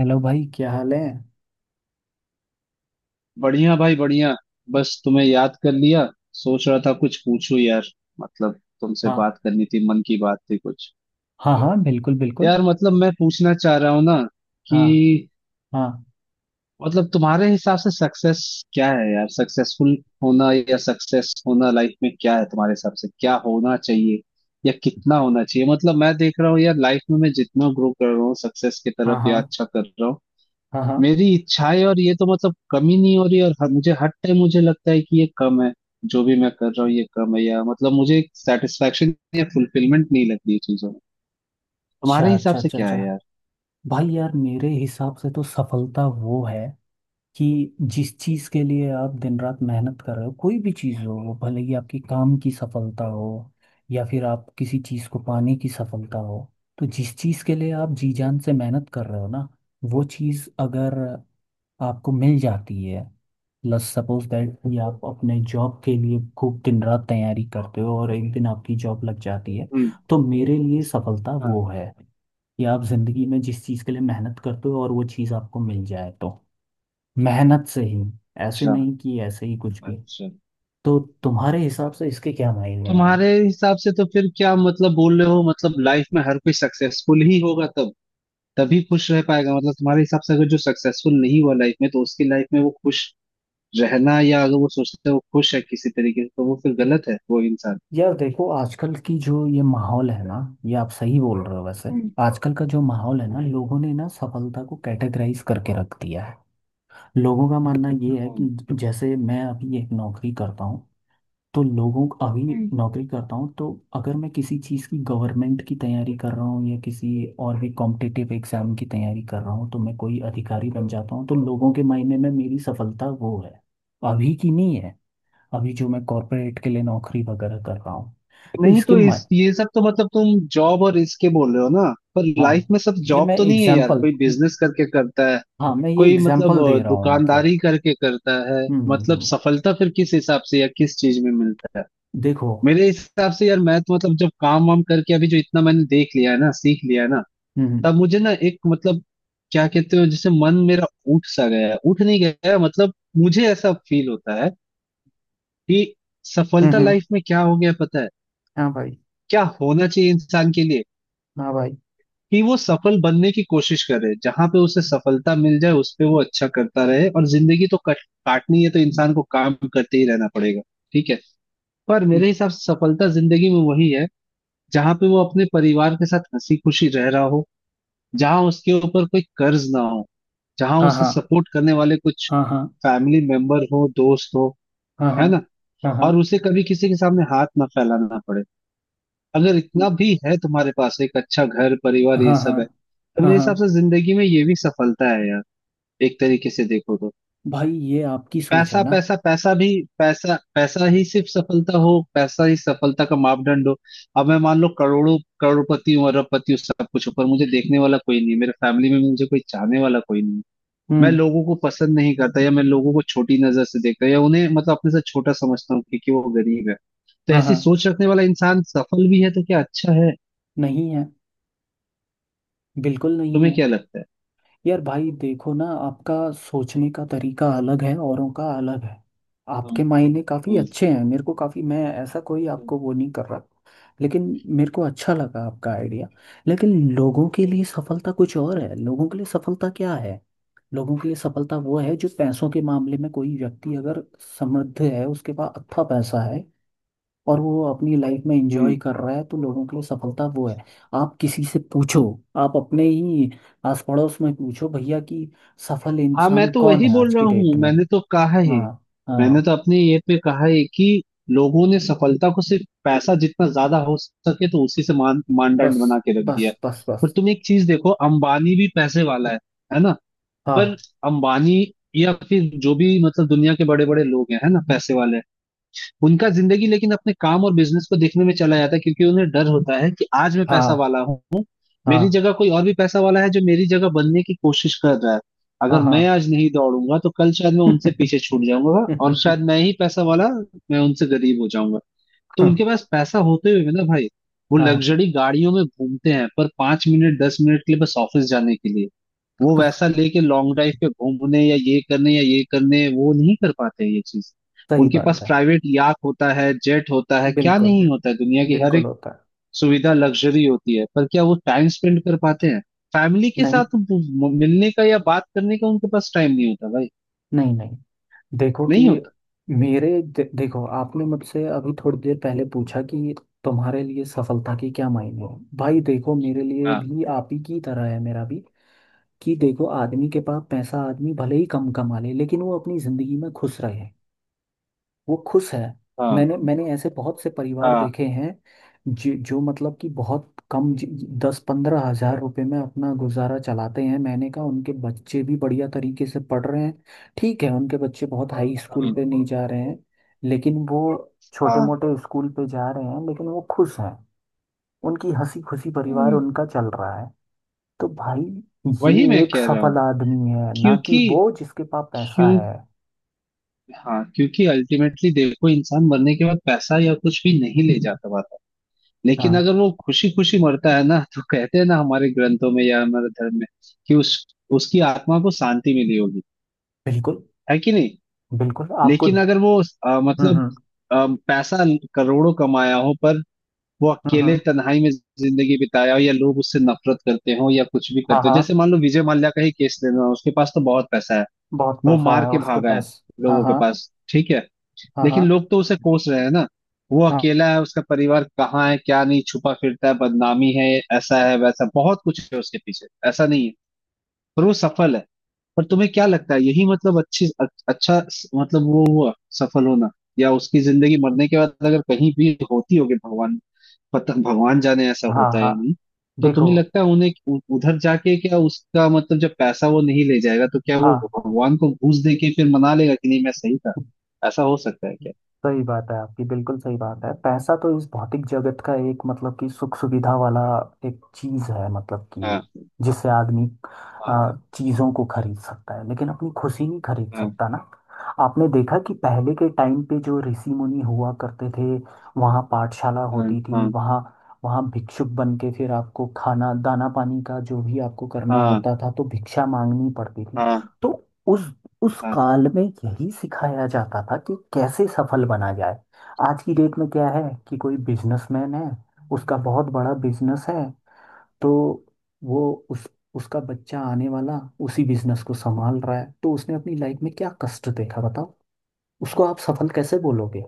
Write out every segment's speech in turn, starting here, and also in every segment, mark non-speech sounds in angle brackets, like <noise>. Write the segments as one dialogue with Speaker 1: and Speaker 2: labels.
Speaker 1: Hello भाई, क्या हाल है।
Speaker 2: बढ़िया भाई बढ़िया। बस तुम्हें याद कर लिया। सोच रहा था कुछ पूछूं यार, मतलब तुमसे
Speaker 1: हाँ,
Speaker 2: बात करनी थी, मन की बात थी कुछ।
Speaker 1: हाँ हाँ, बिल्कुल बिल्कुल।
Speaker 2: यार मतलब मैं पूछना चाह रहा हूँ ना कि
Speaker 1: हाँ हाँ।
Speaker 2: मतलब तुम्हारे हिसाब से सक्सेस क्या है यार? सक्सेसफुल होना या सक्सेस होना लाइफ में क्या है? तुम्हारे हिसाब से क्या होना चाहिए या कितना होना चाहिए? मतलब मैं देख रहा हूँ यार लाइफ में, मैं जितना ग्रो कर रहा हूँ सक्सेस की
Speaker 1: हाँ
Speaker 2: तरफ
Speaker 1: हाँ।
Speaker 2: या अच्छा कर रहा हूँ,
Speaker 1: हाँ हाँ।
Speaker 2: मेरी इच्छाएं और ये तो मतलब कमी नहीं हो रही, और मुझे हर टाइम मुझे लगता है कि ये कम है। जो भी मैं कर रहा हूँ ये कम है, या मतलब मुझे एक सेटिस्फेक्शन या फुलफिलमेंट नहीं लगती ये चीजों में।
Speaker 1: अच्छा
Speaker 2: तुम्हारे हिसाब
Speaker 1: अच्छा,
Speaker 2: से
Speaker 1: अच्छा
Speaker 2: क्या
Speaker 1: अच्छा।
Speaker 2: है यार?
Speaker 1: भाई यार, मेरे हिसाब से तो सफलता वो है कि जिस चीज के लिए आप दिन रात मेहनत कर रहे हो, कोई भी चीज हो, वो भले ही आपकी काम की सफलता हो या फिर आप किसी चीज को पाने की सफलता हो। तो जिस चीज के लिए आप जी जान से मेहनत कर रहे हो ना, वो चीज अगर आपको मिल जाती है। लेट्स सपोज दैट कि आप अपने जॉब के लिए खूब दिन रात तैयारी करते हो और एक दिन आपकी जॉब लग जाती है।
Speaker 2: हम्म।
Speaker 1: तो मेरे लिए सफलता वो है कि आप जिंदगी में जिस चीज के लिए मेहनत करते हो और वो चीज आपको मिल जाए, तो मेहनत से ही। ऐसे
Speaker 2: अच्छा
Speaker 1: नहीं कि ऐसे ही कुछ भी।
Speaker 2: अच्छा।
Speaker 1: तो तुम्हारे हिसाब से इसके क्या मायने हैं।
Speaker 2: तुम्हारे हिसाब से तो फिर क्या मतलब बोल रहे हो? मतलब लाइफ में हर कोई सक्सेसफुल ही होगा तब, तभी खुश रह पाएगा? मतलब तुम्हारे हिसाब से अगर जो सक्सेसफुल नहीं हुआ लाइफ में तो उसकी लाइफ में वो खुश रहना, या अगर वो सोचता है वो खुश है किसी तरीके से तो वो फिर गलत है वो इंसान?
Speaker 1: यार देखो, आजकल की जो ये माहौल है ना, ये आप सही बोल रहे हो वैसे।
Speaker 2: हम्म।
Speaker 1: आजकल का जो माहौल है ना, लोगों ने ना सफलता को कैटेगराइज करके रख दिया है। लोगों का मानना ये है
Speaker 2: हम्म।
Speaker 1: कि जैसे मैं अभी एक नौकरी करता हूँ, तो लोगों को अभी
Speaker 2: हम्म।
Speaker 1: नौकरी करता हूँ तो अगर मैं किसी चीज़ की गवर्नमेंट की तैयारी कर रहा हूँ या किसी और भी कॉम्पिटिटिव एग्जाम की तैयारी कर रहा हूँ तो मैं कोई अधिकारी बन जाता हूँ, तो लोगों के मायने में मेरी सफलता वो है। अभी की नहीं है। अभी जो मैं कॉरपोरेट के लिए नौकरी वगैरह कर रहा हूँ, तो
Speaker 2: नहीं,
Speaker 1: इसके
Speaker 2: तो
Speaker 1: मा...
Speaker 2: इस ये सब तो मतलब तुम जॉब और इसके बोल रहे हो ना, पर
Speaker 1: हाँ,
Speaker 2: लाइफ में सब
Speaker 1: ये
Speaker 2: जॉब
Speaker 1: मैं
Speaker 2: तो नहीं है यार,
Speaker 1: एग्जाम्पल।
Speaker 2: कोई बिजनेस करके करता है,
Speaker 1: हाँ, मैं ये
Speaker 2: कोई मतलब
Speaker 1: एग्जाम्पल दे रहा हूँ,
Speaker 2: दुकानदारी
Speaker 1: मतलब।
Speaker 2: करके करता है। मतलब
Speaker 1: हम्म।
Speaker 2: सफलता फिर किस हिसाब से या किस चीज में मिलता है?
Speaker 1: देखो।
Speaker 2: मेरे हिसाब से यार, मैं तो मतलब जब काम वाम करके अभी जो इतना मैंने देख लिया है ना, सीख लिया है ना,
Speaker 1: हम्म
Speaker 2: तब मुझे ना एक मतलब क्या कहते हो, जैसे मन मेरा उठ सा गया है, उठ नहीं गया है, मतलब मुझे ऐसा फील होता है कि
Speaker 1: हम्म,
Speaker 2: सफलता
Speaker 1: हम्म।
Speaker 2: लाइफ में क्या हो गया पता है?
Speaker 1: हाँ भाई।
Speaker 2: क्या होना चाहिए इंसान के लिए
Speaker 1: हाँ भाई।
Speaker 2: कि वो सफल बनने की कोशिश करे, जहां पे उसे सफलता मिल जाए उस पे वो अच्छा करता रहे, और जिंदगी तो कट काटनी है तो इंसान को काम करते ही रहना पड़ेगा, ठीक है। पर मेरे हिसाब से सफलता जिंदगी में वही है जहां पे वो अपने परिवार के साथ हंसी खुशी रह रहा हो, जहां उसके ऊपर कोई कर्ज ना हो, जहां
Speaker 1: हाँ
Speaker 2: उसे
Speaker 1: हाँ
Speaker 2: सपोर्ट करने वाले कुछ
Speaker 1: हाँ हाँ।
Speaker 2: फैमिली मेंबर हो, दोस्त हो,
Speaker 1: हाँ हाँ।
Speaker 2: है ना,
Speaker 1: हाँ हाँ।
Speaker 2: और उसे कभी किसी के सामने हाथ ना फैलाना पड़े। अगर इतना भी है तुम्हारे पास, एक अच्छा घर परिवार ये
Speaker 1: हाँ हाँ।
Speaker 2: सब है, तो
Speaker 1: हाँ
Speaker 2: मेरे हिसाब
Speaker 1: हाँ।
Speaker 2: से जिंदगी में ये भी सफलता है यार, एक तरीके से देखो तो।
Speaker 1: भाई, ये आपकी सोच है
Speaker 2: पैसा
Speaker 1: ना।
Speaker 2: पैसा पैसा भी, पैसा पैसा ही सिर्फ सफलता हो, पैसा ही सफलता का मापदंड हो? अब मैं मान लो करोड़ों करोड़पति हूँ, अरबपति हूँ, सब कुछ हूँ, पर मुझे देखने वाला कोई नहीं है मेरे फैमिली में, मुझे कोई चाहने वाला कोई नहीं है, मैं
Speaker 1: हम्म।
Speaker 2: लोगों को पसंद नहीं करता, या मैं लोगों को छोटी नजर से देखता हूँ, या उन्हें मतलब अपने से छोटा समझता हूँ क्योंकि वो गरीब है, तो
Speaker 1: हाँ
Speaker 2: ऐसी
Speaker 1: हाँ।
Speaker 2: सोच रखने वाला इंसान सफल भी है तो क्या अच्छा है?
Speaker 1: नहीं है। बिल्कुल नहीं
Speaker 2: तुम्हें
Speaker 1: है।
Speaker 2: क्या लगता है?
Speaker 1: यार भाई, देखो ना, आपका सोचने का तरीका अलग है, औरों का अलग है।
Speaker 2: हम्म।
Speaker 1: आपके मायने काफ़ी
Speaker 2: हम्म।
Speaker 1: अच्छे हैं, मेरे को काफ़ी। मैं ऐसा कोई
Speaker 2: हम्म।
Speaker 1: आपको वो नहीं कर रहा। लेकिन मेरे को अच्छा लगा आपका आइडिया। लेकिन लोगों के लिए सफलता कुछ और है। लोगों के लिए सफलता क्या है। लोगों के लिए सफलता वो है जो पैसों के मामले में कोई व्यक्ति अगर समृद्ध है, उसके पास अच्छा पैसा है और वो अपनी लाइफ में
Speaker 2: हम्म।
Speaker 1: एंजॉय कर रहा है, तो लोगों के लिए सफलता वो है। आप किसी से पूछो। आप अपने ही आस पड़ोस में पूछो, भैया, कि सफल
Speaker 2: हाँ, मैं
Speaker 1: इंसान
Speaker 2: तो
Speaker 1: कौन
Speaker 2: वही
Speaker 1: है
Speaker 2: बोल
Speaker 1: आज
Speaker 2: रहा
Speaker 1: की
Speaker 2: हूँ,
Speaker 1: डेट में।
Speaker 2: मैंने तो कहा है,
Speaker 1: हाँ
Speaker 2: मैंने
Speaker 1: हाँ।
Speaker 2: तो अपने ये पे कहा है कि लोगों ने सफलता को सिर्फ पैसा जितना ज्यादा हो सके तो उसी से मान मानदंड
Speaker 1: बस
Speaker 2: बना के रख
Speaker 1: बस
Speaker 2: दिया है।
Speaker 1: बस
Speaker 2: पर
Speaker 1: बस
Speaker 2: तुम एक चीज देखो, अंबानी भी पैसे वाला है ना, पर
Speaker 1: हाँ
Speaker 2: अंबानी या फिर जो भी मतलब दुनिया के बड़े बड़े लोग हैं, है ना, पैसे वाले हैं, उनका जिंदगी लेकिन अपने काम और बिजनेस को देखने में चला जाता है, क्योंकि उन्हें डर होता है कि आज मैं पैसा
Speaker 1: हाँ।
Speaker 2: वाला हूँ,
Speaker 1: हाँ
Speaker 2: मेरी जगह कोई और भी पैसा वाला है जो मेरी जगह बनने की कोशिश कर रहा है,
Speaker 1: हाँ।
Speaker 2: अगर
Speaker 1: हाँ
Speaker 2: मैं आज नहीं दौड़ूंगा तो कल शायद मैं उनसे पीछे
Speaker 1: <laughs>
Speaker 2: छूट जाऊंगा, और शायद मैं ही पैसा वाला, मैं उनसे गरीब हो जाऊंगा। तो
Speaker 1: हाँ
Speaker 2: उनके पास पैसा होते हुए भी ना भाई, वो
Speaker 1: हाँ।
Speaker 2: लग्जरी गाड़ियों में घूमते हैं पर 5 मिनट 10 मिनट के लिए बस ऑफिस जाने के लिए, वो वैसा लेके लॉन्ग ड्राइव पे घूमने या ये करने वो नहीं कर पाते हैं ये चीज।
Speaker 1: सही
Speaker 2: उनके
Speaker 1: बात
Speaker 2: पास
Speaker 1: है।
Speaker 2: प्राइवेट याक होता है, जेट होता है, क्या
Speaker 1: बिल्कुल।
Speaker 2: नहीं होता है, दुनिया की हर
Speaker 1: बिल्कुल होता है।
Speaker 2: सुविधा लग्जरी होती है, पर क्या वो टाइम स्पेंड कर पाते हैं फैमिली के
Speaker 1: नहीं
Speaker 2: साथ मिलने का या बात करने का? उनके पास टाइम नहीं होता भाई,
Speaker 1: नहीं नहीं। देखो कि
Speaker 2: नहीं होता।
Speaker 1: देखो, आपने मुझसे अभी थोड़ी देर पहले पूछा कि तुम्हारे लिए सफलता के क्या मायने हैं। भाई देखो, मेरे लिए
Speaker 2: हाँ।
Speaker 1: भी आप ही की तरह है। मेरा भी कि देखो, आदमी के पास पैसा, आदमी भले ही कम कमा ले लेकिन वो अपनी जिंदगी में खुश रहे। वो खुश है।
Speaker 2: हाँ
Speaker 1: मैंने मैंने ऐसे बहुत से परिवार
Speaker 2: हाँ।
Speaker 1: देखे हैं जो जो मतलब कि बहुत कम 10-15 हजार रुपए में अपना गुजारा चलाते हैं। मैंने कहा, उनके बच्चे भी बढ़िया तरीके से पढ़ रहे हैं। ठीक है, उनके बच्चे बहुत हाई
Speaker 2: हाँ
Speaker 1: स्कूल पे नहीं जा रहे हैं, लेकिन वो छोटे
Speaker 2: हाँ।
Speaker 1: मोटे स्कूल पे जा रहे हैं, लेकिन वो खुश हैं। उनकी हंसी खुशी परिवार
Speaker 2: हम्म।
Speaker 1: उनका चल रहा है। तो भाई,
Speaker 2: वही
Speaker 1: ये
Speaker 2: मैं
Speaker 1: एक
Speaker 2: कह रहा हूँ,
Speaker 1: सफल आदमी है ना, कि
Speaker 2: क्योंकि
Speaker 1: वो जिसके पास पैसा
Speaker 2: क्यों,
Speaker 1: है।
Speaker 2: हाँ क्योंकि अल्टीमेटली देखो, इंसान मरने के बाद पैसा या कुछ भी नहीं ले जाता पाता, लेकिन
Speaker 1: हाँ।
Speaker 2: अगर वो खुशी खुशी मरता है ना, तो कहते हैं ना हमारे ग्रंथों में या हमारे धर्म में कि उस उसकी आत्मा को शांति मिली होगी,
Speaker 1: बिल्कुल।
Speaker 2: है कि नहीं।
Speaker 1: बिल्कुल आपको।
Speaker 2: लेकिन अगर वो मतलब
Speaker 1: हम्म,
Speaker 2: पैसा करोड़ों कमाया हो, पर वो अकेले
Speaker 1: हम्म।
Speaker 2: तन्हाई में जिंदगी बिताया हो, या लोग उससे नफरत करते हो, या कुछ भी
Speaker 1: हाँ
Speaker 2: करते हो,
Speaker 1: हाँ।
Speaker 2: जैसे मान लो विजय माल्या का ही केस लेना, उसके पास तो बहुत पैसा है,
Speaker 1: बहुत
Speaker 2: वो
Speaker 1: पैसा
Speaker 2: मार
Speaker 1: है
Speaker 2: के
Speaker 1: उसके
Speaker 2: भागा है
Speaker 1: पास। हाँ
Speaker 2: लोगों के
Speaker 1: हाँ।
Speaker 2: पास, ठीक है,
Speaker 1: हाँ
Speaker 2: लेकिन
Speaker 1: हाँ।
Speaker 2: लोग तो उसे कोस रहे हैं ना, वो अकेला है, उसका परिवार कहाँ है, क्या नहीं छुपा फिरता है, बदनामी है, ऐसा है वैसा बहुत कुछ है उसके पीछे, ऐसा नहीं है। पर वो सफल है? पर तुम्हें क्या लगता है यही मतलब अच्छी, अच्छा मतलब वो हुआ सफल होना? या उसकी जिंदगी मरने के बाद अगर कहीं भी होती होगी, भगवान पता, भगवान जाने ऐसा
Speaker 1: हाँ
Speaker 2: होता है
Speaker 1: हाँ।
Speaker 2: या नहीं, तो
Speaker 1: देखो।
Speaker 2: तुम्हें लगता है उन्हें उधर जाके क्या उसका मतलब जब पैसा वो नहीं ले जाएगा तो क्या वो
Speaker 1: हाँ।
Speaker 2: भगवान को घूस दे के फिर मना लेगा कि नहीं मैं सही था? ऐसा हो सकता है क्या?
Speaker 1: सही बात है आपकी। बिल्कुल सही बात है। पैसा तो इस भौतिक जगत का एक, मतलब कि, सुख सुविधा वाला एक चीज है। मतलब
Speaker 2: हाँ
Speaker 1: कि जिससे आदमी
Speaker 2: हाँ।
Speaker 1: चीजों को खरीद सकता है, लेकिन अपनी खुशी नहीं खरीद
Speaker 2: हाँ
Speaker 1: सकता ना। आपने देखा कि पहले के टाइम पे जो ऋषि मुनि हुआ करते थे, वहाँ पाठशाला
Speaker 2: हाँ।
Speaker 1: होती थी।
Speaker 2: हाँ
Speaker 1: वहाँ वहाँ भिक्षुक बन के फिर आपको खाना दाना पानी का जो भी आपको करना
Speaker 2: हाँ।
Speaker 1: होता था, तो भिक्षा मांगनी पड़ती थी।
Speaker 2: हाँ
Speaker 1: तो उस
Speaker 2: हाँ।
Speaker 1: काल में यही सिखाया जाता था कि कैसे सफल बना जाए। आज की डेट में क्या है, कि कोई बिजनेसमैन है, उसका बहुत बड़ा बिजनेस है, तो वो उस उसका बच्चा आने वाला उसी बिजनेस को संभाल रहा है, तो उसने अपनी लाइफ में क्या कष्ट देखा, बताओ। उसको आप सफल कैसे बोलोगे।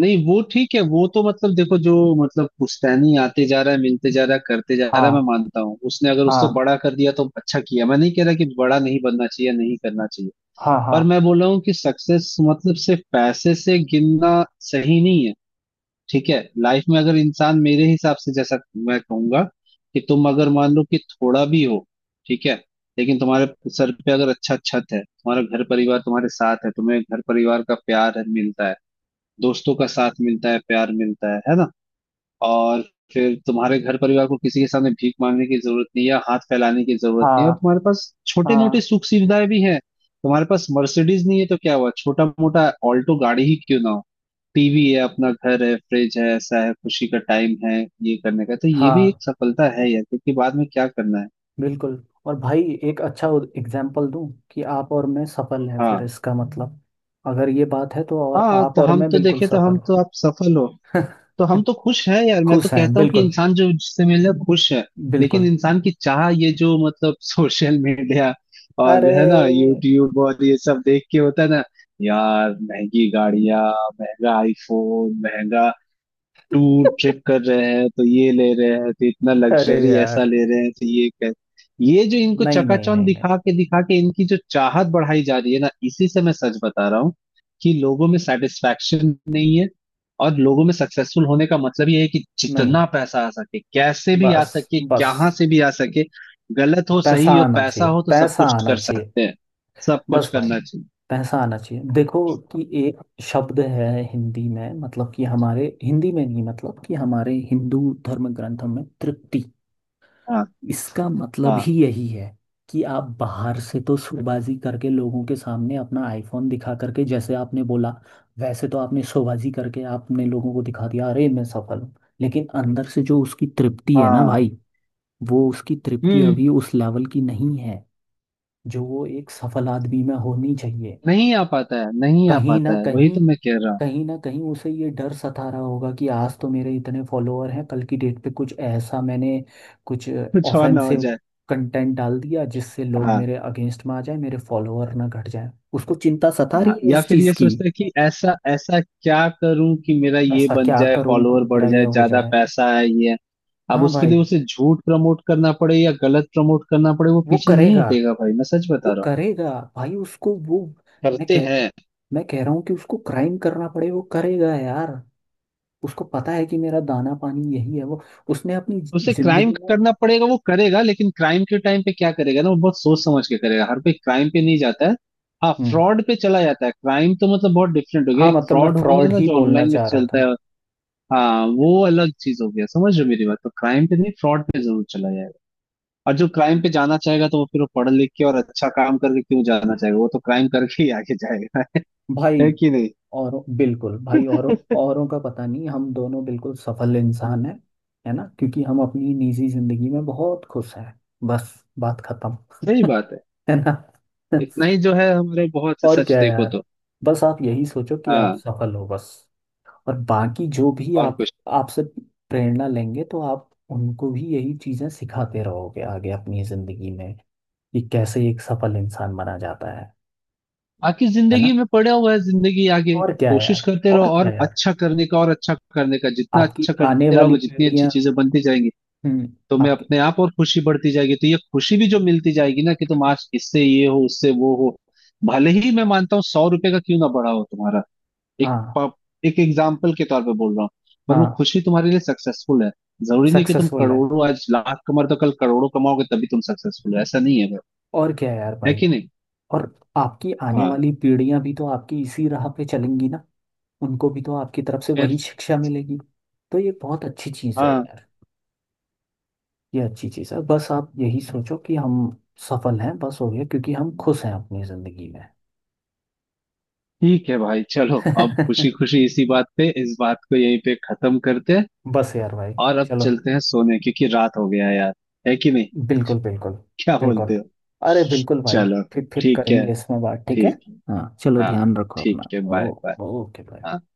Speaker 2: नहीं वो ठीक है, वो तो मतलब देखो, जो मतलब पुश्तैनी आते जा रहा है, मिलते जा रहा है, करते जा रहा है, मैं
Speaker 1: हाँ
Speaker 2: मानता हूँ, उसने अगर उससे
Speaker 1: हाँ।
Speaker 2: बड़ा कर दिया तो अच्छा किया, मैं नहीं कह रहा कि बड़ा नहीं बनना चाहिए, नहीं करना चाहिए।
Speaker 1: हाँ हाँ।
Speaker 2: पर मैं बोल रहा हूँ कि सक्सेस मतलब सिर्फ पैसे से गिनना सही नहीं है, ठीक है। लाइफ में अगर इंसान मेरे हिसाब से, जैसा मैं कहूंगा कि तुम अगर मान लो कि थोड़ा भी हो, ठीक है, लेकिन तुम्हारे सर पे अगर अच्छा छत है, तुम्हारा घर परिवार तुम्हारे साथ है, तुम्हें घर परिवार का प्यार है मिलता है, दोस्तों का साथ मिलता है, प्यार मिलता है ना, और फिर तुम्हारे घर परिवार को किसी के सामने भीख मांगने की जरूरत नहीं है या हाथ फैलाने की जरूरत नहीं है, और
Speaker 1: हाँ
Speaker 2: तुम्हारे पास छोटे मोटे
Speaker 1: हाँ।
Speaker 2: सुख सुविधाएं भी हैं, तुम्हारे पास मर्सिडीज नहीं है तो क्या हुआ, छोटा मोटा ऑल्टो गाड़ी ही क्यों ना हो, टीवी है, अपना घर है, फ्रिज है, ऐसा है, खुशी का टाइम है, ये करने का, तो ये भी
Speaker 1: हाँ,
Speaker 2: एक सफलता है यार, क्योंकि बाद में क्या करना है।
Speaker 1: बिल्कुल। और भाई, एक अच्छा एग्जाम्पल दूं कि आप और मैं सफल हैं, फिर
Speaker 2: हाँ
Speaker 1: इसका मतलब, अगर ये बात है तो, और
Speaker 2: हाँ,
Speaker 1: आप
Speaker 2: तो
Speaker 1: और
Speaker 2: हम
Speaker 1: मैं
Speaker 2: तो
Speaker 1: बिल्कुल
Speaker 2: देखे तो, हम
Speaker 1: सफल।
Speaker 2: तो आप सफल हो तो हम
Speaker 1: <laughs>
Speaker 2: तो खुश है यार। मैं तो
Speaker 1: खुश हैं
Speaker 2: कहता हूँ कि
Speaker 1: बिल्कुल।
Speaker 2: इंसान जो जिससे मिल रहा है खुश है। लेकिन
Speaker 1: बिल्कुल।
Speaker 2: इंसान की चाह ये जो मतलब <laughs> सोशल मीडिया और है ना,
Speaker 1: अरे।
Speaker 2: यूट्यूब और ये सब देख के होता है ना यार, महंगी गाड़ियां, महंगा आईफोन, महंगा टूर ट्रिप कर रहे हैं, तो ये ले रहे हैं, तो इतना
Speaker 1: अरे
Speaker 2: लग्जरी ऐसा
Speaker 1: यार।
Speaker 2: ले रहे हैं, तो ये कर, ये जो इनको
Speaker 1: नहीं नहीं
Speaker 2: चकाचौंध
Speaker 1: नहीं नहीं
Speaker 2: दिखा के इनकी जो चाहत बढ़ाई जा रही है ना, इसी से मैं सच बता रहा हूँ कि लोगों में सेटिस्फैक्शन नहीं है, और लोगों में सक्सेसफुल होने का मतलब ये है कि
Speaker 1: नहीं।
Speaker 2: जितना पैसा आ सके, कैसे भी आ
Speaker 1: बस
Speaker 2: सके, कहाँ
Speaker 1: बस।
Speaker 2: से भी आ सके, गलत हो
Speaker 1: पैसा
Speaker 2: सही हो
Speaker 1: आना
Speaker 2: पैसा
Speaker 1: चाहिए,
Speaker 2: हो तो सब
Speaker 1: पैसा
Speaker 2: कुछ
Speaker 1: आना
Speaker 2: कर
Speaker 1: चाहिए।
Speaker 2: सकते हैं, सब कुछ
Speaker 1: बस भाई,
Speaker 2: करना चाहिए।
Speaker 1: पैसा आना चाहिए। देखो कि एक शब्द है हिंदी में, मतलब कि हमारे हिंदी में नहीं, मतलब कि हमारे हिंदू धर्म ग्रंथों में, तृप्ति।
Speaker 2: हाँ
Speaker 1: इसका मतलब
Speaker 2: हाँ।
Speaker 1: ही यही है कि आप बाहर से तो शोबाजी करके लोगों के सामने अपना आईफोन दिखा करके, जैसे आपने बोला, वैसे तो आपने शोबाजी करके आपने लोगों को दिखा दिया, अरे मैं सफल हूँ। लेकिन अंदर से जो उसकी तृप्ति है ना
Speaker 2: हाँ।
Speaker 1: भाई, वो उसकी तृप्ति
Speaker 2: हम्म।
Speaker 1: अभी उस लेवल की नहीं है जो वो एक सफल आदमी में होनी चाहिए।
Speaker 2: नहीं आ पाता है, नहीं आ
Speaker 1: कहीं ना
Speaker 2: पाता है, वही
Speaker 1: कहीं,
Speaker 2: तो मैं कह रहा हूँ।
Speaker 1: कहीं ना कहीं उसे ये डर सता रहा होगा कि आज तो मेरे इतने फॉलोअर हैं, कल की डेट पे कुछ ऐसा मैंने कुछ
Speaker 2: कुछ और ना हो
Speaker 1: ऑफेंसिव
Speaker 2: जाए।
Speaker 1: कंटेंट डाल दिया, जिससे लोग
Speaker 2: हाँ
Speaker 1: मेरे अगेंस्ट में आ जाए, मेरे फॉलोअर ना घट जाए। उसको चिंता सता रही
Speaker 2: हाँ,
Speaker 1: है
Speaker 2: या
Speaker 1: इस
Speaker 2: फिर
Speaker 1: चीज
Speaker 2: ये
Speaker 1: की।
Speaker 2: सोचते हैं कि ऐसा ऐसा क्या करूं कि मेरा ये
Speaker 1: ऐसा
Speaker 2: बन
Speaker 1: क्या
Speaker 2: जाए,
Speaker 1: करूं को
Speaker 2: फॉलोअर बढ़
Speaker 1: मेरा ये
Speaker 2: जाए,
Speaker 1: हो
Speaker 2: ज्यादा
Speaker 1: जाए।
Speaker 2: पैसा है ये है। अब
Speaker 1: हाँ
Speaker 2: उसके
Speaker 1: भाई।
Speaker 2: लिए उसे झूठ प्रमोट करना पड़े या गलत प्रमोट करना पड़े वो
Speaker 1: वो
Speaker 2: पीछे नहीं
Speaker 1: करेगा,
Speaker 2: हटेगा भाई, मैं सच
Speaker 1: वो
Speaker 2: बता रहा हूँ।
Speaker 1: करेगा भाई। उसको वो मैं
Speaker 2: करते
Speaker 1: कह
Speaker 2: हैं।
Speaker 1: मैं कह रहा हूँ कि उसको क्राइम करना पड़े वो करेगा यार। उसको पता है कि मेरा दाना पानी यही है। वो उसने अपनी
Speaker 2: उसे क्राइम
Speaker 1: जिंदगी में।
Speaker 2: करना पड़ेगा वो करेगा, लेकिन क्राइम के टाइम पे क्या करेगा ना, वो बहुत सोच समझ के करेगा, हर कोई क्राइम पे नहीं जाता है। हाँ,
Speaker 1: हम्म।
Speaker 2: फ्रॉड पे चला जाता है, क्राइम तो मतलब बहुत डिफरेंट हो गया,
Speaker 1: हाँ,
Speaker 2: एक
Speaker 1: मतलब मैं
Speaker 2: फ्रॉड होना है
Speaker 1: फ्रॉड
Speaker 2: ना
Speaker 1: ही
Speaker 2: जो
Speaker 1: बोलना
Speaker 2: ऑनलाइन में
Speaker 1: चाह रहा
Speaker 2: चलता
Speaker 1: था।
Speaker 2: है। हाँ, वो अलग चीज हो गया, समझ रहे हो मेरी बात, तो क्राइम पे नहीं फ्रॉड पे जरूर चला जाएगा, और जो क्राइम पे जाना चाहेगा तो वो फिर वो पढ़ लिख के और अच्छा काम करके क्यों जाना चाहेगा, वो तो क्राइम करके ही आगे जाएगा <laughs>
Speaker 1: भाई
Speaker 2: है कि नहीं?
Speaker 1: और बिल्कुल भाई, और
Speaker 2: <laughs>
Speaker 1: औरों का पता नहीं, हम दोनों बिल्कुल सफल इंसान
Speaker 2: हम्म।
Speaker 1: हैं, है ना, क्योंकि हम अपनी निजी जिंदगी में बहुत खुश हैं। बस, बात खत्म।
Speaker 2: सही बात है,
Speaker 1: है ना।
Speaker 2: इतना ही
Speaker 1: <laughs>
Speaker 2: जो है हमारे, बहुत है,
Speaker 1: और
Speaker 2: सच
Speaker 1: क्या
Speaker 2: देखो
Speaker 1: यार,
Speaker 2: तो।
Speaker 1: बस आप यही सोचो कि आप
Speaker 2: हाँ।
Speaker 1: सफल हो, बस। और बाकी जो भी
Speaker 2: और
Speaker 1: आप,
Speaker 2: कुछ
Speaker 1: आपसे प्रेरणा लेंगे तो आप उनको भी यही चीजें सिखाते रहोगे आगे अपनी जिंदगी में, कि कैसे एक सफल इंसान बना जाता है।
Speaker 2: बाकी
Speaker 1: है
Speaker 2: जिंदगी
Speaker 1: ना।
Speaker 2: में पड़ा हुआ है, जिंदगी आगे।
Speaker 1: और क्या है
Speaker 2: कोशिश
Speaker 1: यार,
Speaker 2: करते रहो
Speaker 1: और क्या
Speaker 2: और
Speaker 1: है यार।
Speaker 2: अच्छा करने का, और अच्छा करने का, जितना
Speaker 1: आपकी
Speaker 2: अच्छा
Speaker 1: आने
Speaker 2: करते
Speaker 1: वाली
Speaker 2: रहोगे जितनी अच्छी
Speaker 1: पीढ़ियां।
Speaker 2: चीजें बनती जाएंगी,
Speaker 1: हम्म।
Speaker 2: तुम्हें
Speaker 1: आपकी।
Speaker 2: अपने आप और खुशी बढ़ती जाएगी, तो ये खुशी भी जो मिलती जाएगी ना कि तुम आज इससे ये हो उससे वो हो, भले ही मैं मानता हूँ 100 रुपए का क्यों ना बढ़ा हो तुम्हारा, एक
Speaker 1: हाँ
Speaker 2: प- एक एग्जाम्पल के तौर पे बोल रहा हूँ, पर वो
Speaker 1: हाँ।
Speaker 2: खुशी तुम्हारे लिए सक्सेसफुल है। जरूरी नहीं कि तुम
Speaker 1: सक्सेसफुल है।
Speaker 2: करोड़ों आज, लाख कमाओ तो कल करोड़ों कमाओगे तभी तुम सक्सेसफुल हो, ऐसा नहीं है भाई,
Speaker 1: और क्या है यार
Speaker 2: है
Speaker 1: भाई,
Speaker 2: कि नहीं?
Speaker 1: और आपकी आने
Speaker 2: हाँ।
Speaker 1: वाली पीढ़ियां भी तो आपकी इसी राह पे चलेंगी ना। उनको भी तो आपकी तरफ से
Speaker 2: फिर।
Speaker 1: वही शिक्षा मिलेगी। तो ये बहुत अच्छी चीज़ है
Speaker 2: हाँ।
Speaker 1: यार। ये अच्छी चीज़ है। बस आप यही सोचो कि हम सफल हैं, बस हो गया, क्योंकि हम खुश हैं अपनी ज़िंदगी में।
Speaker 2: ठीक है भाई, चलो अब खुशी खुशी इसी बात पे इस बात को यहीं पे खत्म करते हैं,
Speaker 1: <laughs> बस यार भाई,
Speaker 2: और अब
Speaker 1: चलो।
Speaker 2: चलते हैं सोने क्योंकि रात हो गया है यार, है कि नहीं,
Speaker 1: बिल्कुल बिल्कुल।
Speaker 2: क्या
Speaker 1: बिल्कुल।
Speaker 2: बोलते हो?
Speaker 1: अरे बिल्कुल भाई।
Speaker 2: चलो।
Speaker 1: फिर
Speaker 2: ठीक है।
Speaker 1: करेंगे इसमें बात, ठीक है।
Speaker 2: ठीक है।
Speaker 1: हाँ चलो,
Speaker 2: हाँ
Speaker 1: ध्यान रखो
Speaker 2: ठीक
Speaker 1: अपना।
Speaker 2: है। बाय।
Speaker 1: ओ। ओके भाई।
Speaker 2: बाय।